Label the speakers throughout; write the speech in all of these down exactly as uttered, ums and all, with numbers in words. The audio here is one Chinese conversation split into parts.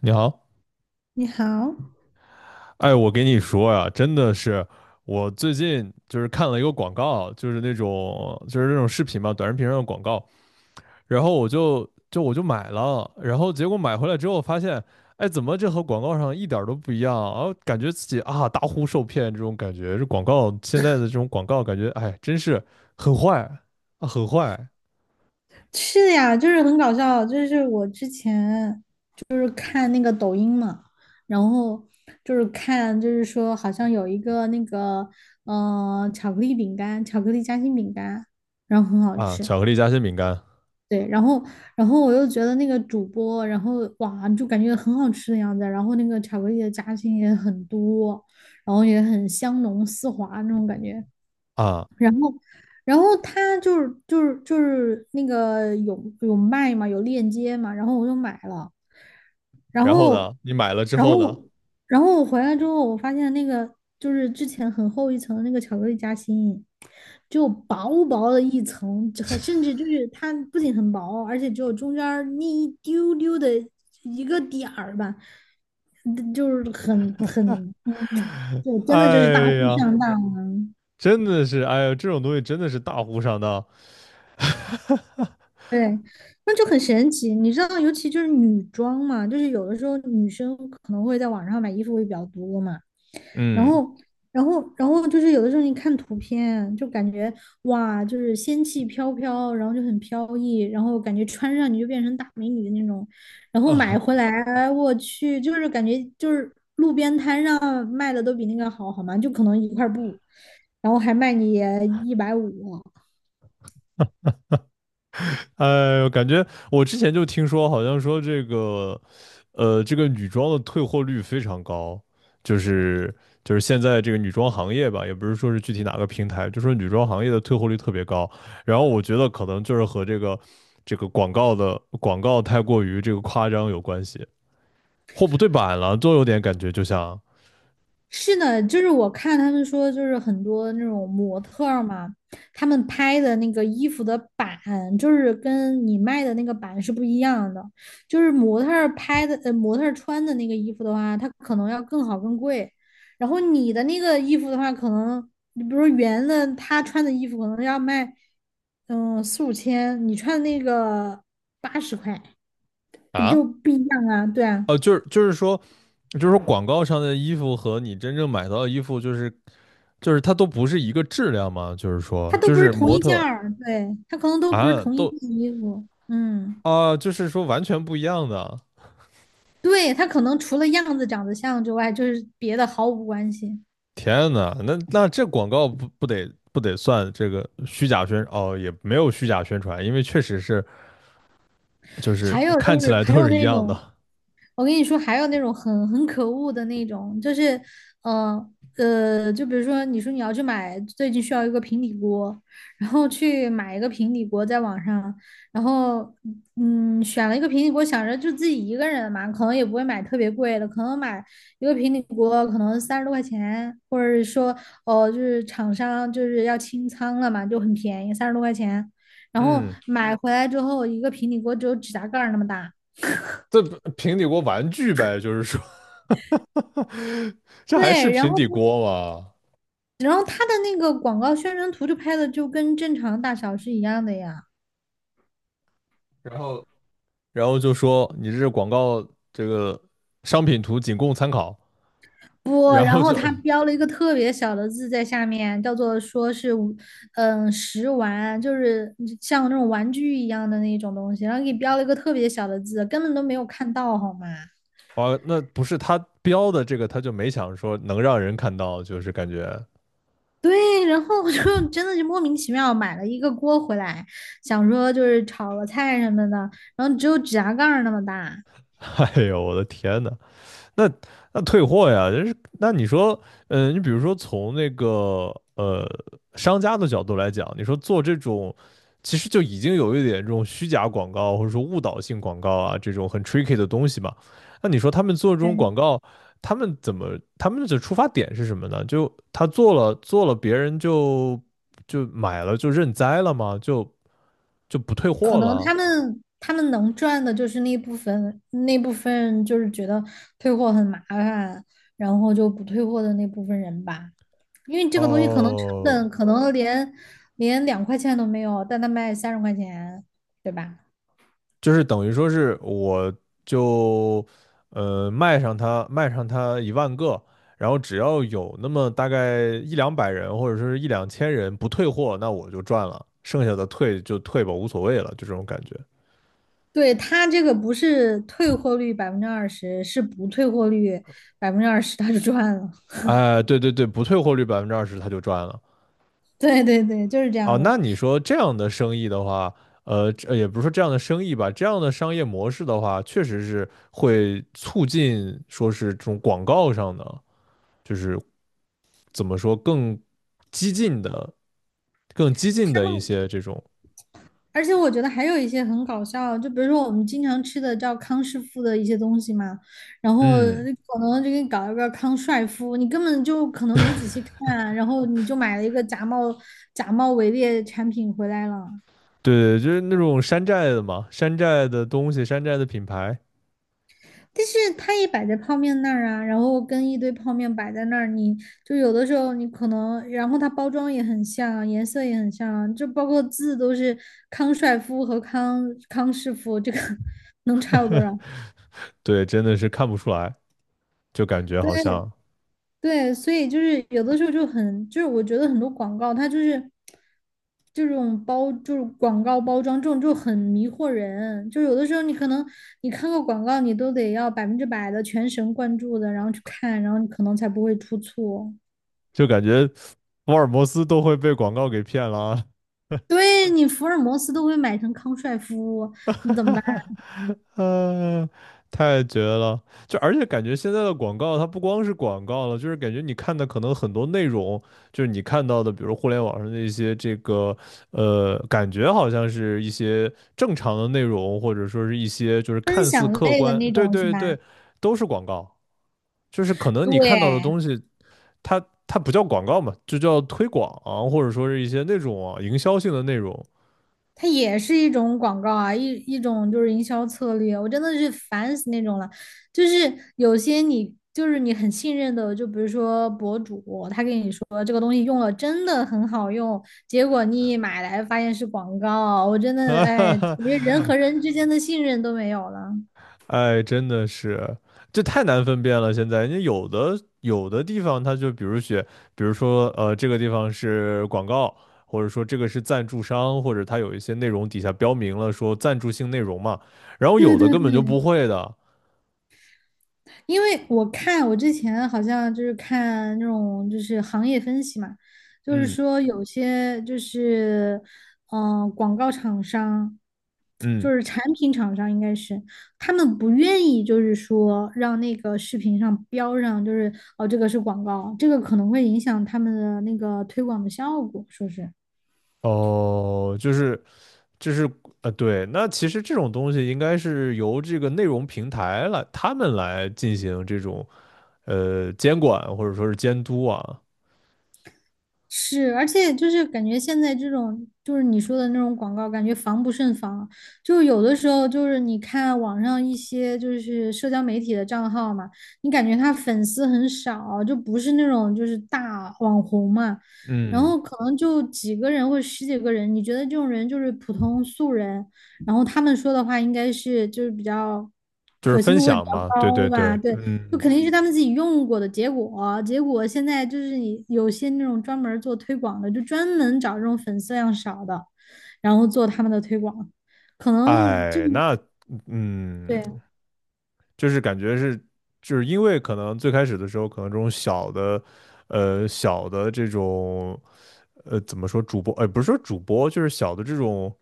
Speaker 1: 你好，
Speaker 2: 你好。
Speaker 1: 哎，我给你说呀，真的是，我最近就是看了一个广告，就是那种就是那种视频嘛，短视频上的广告，然后我就就我就买了，然后结果买回来之后发现，哎，怎么这和广告上一点儿都不一样啊？感觉自己啊大呼受骗这种感觉，这广告现在的这种广告感觉，哎，真是很坏啊，很坏
Speaker 2: 是呀，就是很搞笑。就是我之前就是看那个抖音嘛，然后就是看，就是说好像有一个那个呃巧克力饼干，巧克力夹心饼干，然后很好
Speaker 1: 啊，
Speaker 2: 吃。
Speaker 1: 巧克力夹心饼干
Speaker 2: 对，然后然后我又觉得那个主播，然后哇，就感觉很好吃的样子，然后那个巧克力的夹心也很多，然后也很香浓丝滑那种感觉。
Speaker 1: 啊，
Speaker 2: 然后，然后他就是就是就是那个有有卖嘛，有链接嘛，然后我就买了。然
Speaker 1: 然后
Speaker 2: 后，
Speaker 1: 呢，你买了之
Speaker 2: 然嗯
Speaker 1: 后呢，
Speaker 2: 后，然后，我回来之后，我发现那个就是之前很厚一层的那个巧克力夹心，就薄薄的一层。这很甚至就是它不仅很薄，而且只有中间儿那一丢丢的一个点儿吧。嗯就是很很嗯，就真的就是大
Speaker 1: 哎
Speaker 2: 富
Speaker 1: 呀。
Speaker 2: 上当。
Speaker 1: 真的是，哎呀，这种东西真的是大呼上当。
Speaker 2: 对，那就很神奇。你知道，尤其就是女装嘛，就是有的时候女生可能会在网上买衣服会比较多嘛。然
Speaker 1: 嗯
Speaker 2: 后，然后，然后就是有的时候你看图片，就感觉哇，就是仙气飘飘，然后就很飘逸，然后感觉穿上你就变成大美女的那种。然后买
Speaker 1: 啊，
Speaker 2: 回来，我去，就是感觉就是路边摊上卖的都比那个好，好吗？就可能一块布，然后还卖你一百五。
Speaker 1: 哎呦，感觉我之前就听说，好像说这个，呃，这个女装的退货率非常高，就是就是现在这个女装行业吧，也不是说是具体哪个平台，就说女装行业的退货率特别高。然后我觉得可能就是和这个这个广告的广告太过于这个夸张有关系，货不对版了，都有点感觉就像
Speaker 2: 是的，就是我看他们说，就是很多那种模特儿嘛，他们拍的那个衣服的版，就是跟你卖的那个版是不一样的。就是模特儿拍的，呃，模特儿穿的那个衣服的话，它可能要更好更贵。然后你的那个衣服的话，可能你比如说圆的，他穿的衣服可能要卖，嗯，四五千，你穿的那个八十块，就
Speaker 1: 啊。
Speaker 2: 不一样啊，对啊。
Speaker 1: 呃，就是就是说，就是说广告上的衣服和你真正买到的衣服，就是就是它都不是一个质量嘛，就是
Speaker 2: 它
Speaker 1: 说，
Speaker 2: 都
Speaker 1: 就
Speaker 2: 不是
Speaker 1: 是
Speaker 2: 同
Speaker 1: 模
Speaker 2: 一件
Speaker 1: 特
Speaker 2: 儿，对，它可能都不是
Speaker 1: 啊，
Speaker 2: 同一
Speaker 1: 都
Speaker 2: 件衣服。嗯，
Speaker 1: 啊，就是说完全不一样的。
Speaker 2: 对，它可能除了样子长得像之外，就是别的毫无关系。
Speaker 1: 天呐，那那这广告不不得不得算这个虚假宣哦，也没有虚假宣传，因为确实是就是
Speaker 2: 还有就
Speaker 1: 看起
Speaker 2: 是，
Speaker 1: 来
Speaker 2: 还
Speaker 1: 都
Speaker 2: 有
Speaker 1: 是一
Speaker 2: 那
Speaker 1: 样
Speaker 2: 种，
Speaker 1: 的。
Speaker 2: 我跟你说，还有那种很很可恶的那种，就是，嗯，呃，就比如说，你说你要去买最近需要一个平底锅，然后去买一个平底锅，在网上。然后嗯，选了一个平底锅，想着就自己一个人嘛，可能也不会买特别贵的，可能买一个平底锅可能三十多块钱，或者是说哦，就是厂商就是要清仓了嘛，就很便宜，三十多块钱。然后
Speaker 1: 嗯，
Speaker 2: 买回来之后，一个平底锅只有指甲盖儿那么大。
Speaker 1: 这不平底锅玩具呗，就是说，这还是
Speaker 2: 对，然
Speaker 1: 平
Speaker 2: 后
Speaker 1: 底
Speaker 2: 他
Speaker 1: 锅吗？
Speaker 2: 然后他的那个广告宣传图就拍的就跟正常大小是一样的呀。
Speaker 1: 然后然后就说你这广告这个商品图仅供参考，
Speaker 2: 不，
Speaker 1: 然
Speaker 2: 然
Speaker 1: 后
Speaker 2: 后
Speaker 1: 就
Speaker 2: 他标了一个特别小的字在下面，叫做说是五嗯，食玩，就是像那种玩具一样的那种东西，然后给标了一个特别小的字，根本都没有看到，好吗？
Speaker 1: 啊，那不是他标的这个，他就没想说能让人看到，就是感觉，
Speaker 2: 对，然后我就真的就莫名其妙买了一个锅回来，想说就是炒个菜什么的，然后只有指甲盖儿那么大。
Speaker 1: 哎呦我的天呐，那那退货呀，就是那你说，嗯、呃你比如说从那个呃商家的角度来讲，你说做这种，其实就已经有一点这种虚假广告或者说误导性广告啊，这种很 tricky 的东西嘛。那你说他们做这种广
Speaker 2: 对，
Speaker 1: 告，他们怎么，他们的出发点是什么呢？就他做了做了，别人就就买了就认栽了吗？就就不退
Speaker 2: 可
Speaker 1: 货
Speaker 2: 能
Speaker 1: 了？
Speaker 2: 他们他们能赚的就是那部分，那部分就是觉得退货很麻烦，然后就不退货的那部分人吧。因为这个东西可能成
Speaker 1: 哦、
Speaker 2: 本可能连连两块钱都没有，但他卖三十块钱，对吧？
Speaker 1: 就是等于说是我就呃卖上它，卖上它一万个，然后只要有那么大概一两百人或者说是一两千人不退货，那我就赚了，剩下的退就退吧，无所谓了，就这种感觉。
Speaker 2: 对，他这个不是退货率百分之二十，是不退货率百分之二十，他就赚了。
Speaker 1: 哎，对对对，不退货率百分之二十，他就赚了。
Speaker 2: 对对对，就是这
Speaker 1: 哦，
Speaker 2: 样的。
Speaker 1: 那你说这样的生意的话，呃，这也不是说这样的生意吧，这样的商业模式的话，确实是会促进说是这种广告上的，就是怎么说更激进的、更激
Speaker 2: 他
Speaker 1: 进的一
Speaker 2: 们
Speaker 1: 些这种，
Speaker 2: 而且我觉得还有一些很搞笑，就比如说我们经常吃的叫康师傅的一些东西嘛，然后
Speaker 1: 嗯，
Speaker 2: 可能就给你搞一个康帅傅，你根本就可能没仔细看，然后你就买了一个假冒假冒伪劣产品回来了。
Speaker 1: 对就是那种山寨的嘛，山寨的东西、山寨的品牌
Speaker 2: 但是它也摆在泡面那儿啊，然后跟一堆泡面摆在那儿，你就有的时候你可能，然后它包装也很像，颜色也很像，就包括字都是康帅傅和康康师傅，这个 能差有多少？
Speaker 1: 对，真的是看不出来，就感觉
Speaker 2: 对
Speaker 1: 好像
Speaker 2: 对，所以就是有的时候就很，就是我觉得很多广告它就是这种包，就是广告包装这种就很迷惑人。就有的时候你可能你看个广告，你都得要百分之百的全神贯注的，然后去看，然后你可能才不会出错。
Speaker 1: 就感觉福尔摩斯都会被广告给骗了啊
Speaker 2: 对你福尔摩斯都会买成康帅夫，你怎么办？
Speaker 1: 嗯，太绝了！就而且感觉现在的广告，它不光是广告了，就是感觉你看的可能很多内容，就是你看到的，比如互联网上的一些这个，呃，感觉好像是一些正常的内容，或者说是一些就是
Speaker 2: 分
Speaker 1: 看似
Speaker 2: 享
Speaker 1: 客
Speaker 2: 类的
Speaker 1: 观，
Speaker 2: 那
Speaker 1: 对
Speaker 2: 种是
Speaker 1: 对
Speaker 2: 吧？
Speaker 1: 对，都是广告。就是可能你看到的
Speaker 2: 对，
Speaker 1: 东西，它它不叫广告嘛，就叫推广啊或者说是一些那种啊营销性的内容。
Speaker 2: 它也是一种广告啊，一一种就是营销策略，我真的是烦死那种了。就是有些你就是你很信任的，就比如说博主，他跟你说这个东西用了真的很好用，结果你一买来发现是广告。我真 的
Speaker 1: 啊哈
Speaker 2: 哎，
Speaker 1: 哈，
Speaker 2: 感觉人和人之间的信任都没有了。
Speaker 1: 哎，真的是，这太难分辨了。现在，人家有的有的地方，它就比如写，比如说，呃，这个地方是广告，或者说这个是赞助商，或者它有一些内容底下标明了说赞助性内容嘛。然后有
Speaker 2: 对
Speaker 1: 的
Speaker 2: 对
Speaker 1: 根本就
Speaker 2: 对，
Speaker 1: 不会的，
Speaker 2: 因为我看我之前好像就是看那种就是行业分析嘛，就是
Speaker 1: 嗯
Speaker 2: 说有些就是嗯、呃广告厂商，
Speaker 1: 嗯，
Speaker 2: 就是产品厂商应该是他们不愿意就是说让那个视频上标上就是哦这个是广告，这个可能会影响他们的那个推广的效果，说是。
Speaker 1: 哦，就是就是，呃，对，那其实这种东西应该是由这个内容平台来，他们来进行这种呃监管或者说是监督啊，
Speaker 2: 是，而且就是感觉现在这种就是你说的那种广告，感觉防不胜防。就有的时候，就是你看网上一些就是社交媒体的账号嘛，你感觉他粉丝很少，就不是那种就是大网红嘛，然
Speaker 1: 嗯。
Speaker 2: 后可能就几个人或者十几个人，你觉得这种人就是普通素人，然后他们说的话应该是就是比较
Speaker 1: 就是
Speaker 2: 可信
Speaker 1: 分
Speaker 2: 度会比
Speaker 1: 享
Speaker 2: 较
Speaker 1: 嘛，对对
Speaker 2: 高吧？
Speaker 1: 对，
Speaker 2: 对，就
Speaker 1: 嗯，
Speaker 2: 肯定是他们自己用过的结果。结果现在就是你有些那种专门做推广的，就专门找这种粉丝量少的，然后做他们的推广，可能这
Speaker 1: 哎，那嗯，
Speaker 2: 对
Speaker 1: 就是感觉是，就是因为可能最开始的时候，可能这种小的，呃，小的这种，呃，怎么说主播，哎，不是说主播，就是小的这种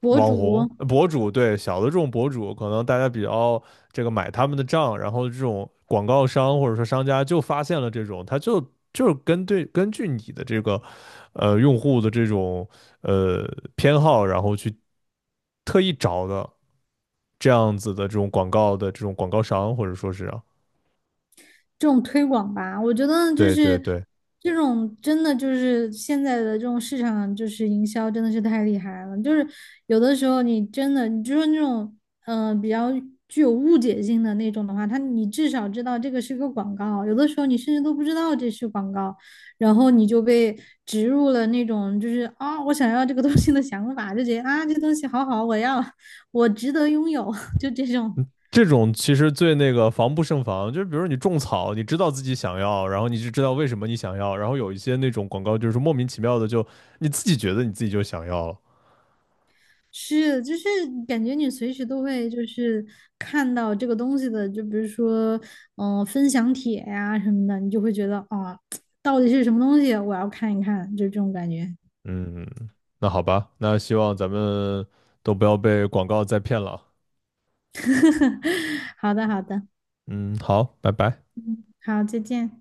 Speaker 2: 博
Speaker 1: 网红
Speaker 2: 主。
Speaker 1: 呃博主，对，小的这种博主，可能大家比较这个买他们的账，然后这种广告商或者说商家就发现了这种，他就就是根对根据你的这个呃用户的这种呃偏好，然后去特意找的这样子的这种广告的这种广告商或者说是啊
Speaker 2: 这种推广吧，我觉得就
Speaker 1: 对对
Speaker 2: 是
Speaker 1: 对。
Speaker 2: 这种真的就是现在的这种市场就是营销真的是太厉害了，就是有的时候你真的你就说那种嗯、呃比较具有误解性的那种的话，它你至少知道这个是个广告，有的时候你甚至都不知道这是广告，然后你就被植入了那种就是啊、我想要这个东西的想法，就觉得啊这东西好好，我要我值得拥有，就这种。
Speaker 1: 这种其实最那个防不胜防，就是比如你种草，你知道自己想要，然后你就知道为什么你想要，然后有一些那种广告就是莫名其妙的就你自己觉得你自己就想要了。
Speaker 2: 是，就是感觉你随时都会就是看到这个东西的，就比如说，嗯、分享帖呀、什么的，你就会觉得啊、到底是什么东西，我要看一看，就这种感觉。
Speaker 1: 嗯，那好吧，那希望咱们都不要被广告再骗了。
Speaker 2: 好的，好的。
Speaker 1: 嗯，好，拜拜。
Speaker 2: 好，再见。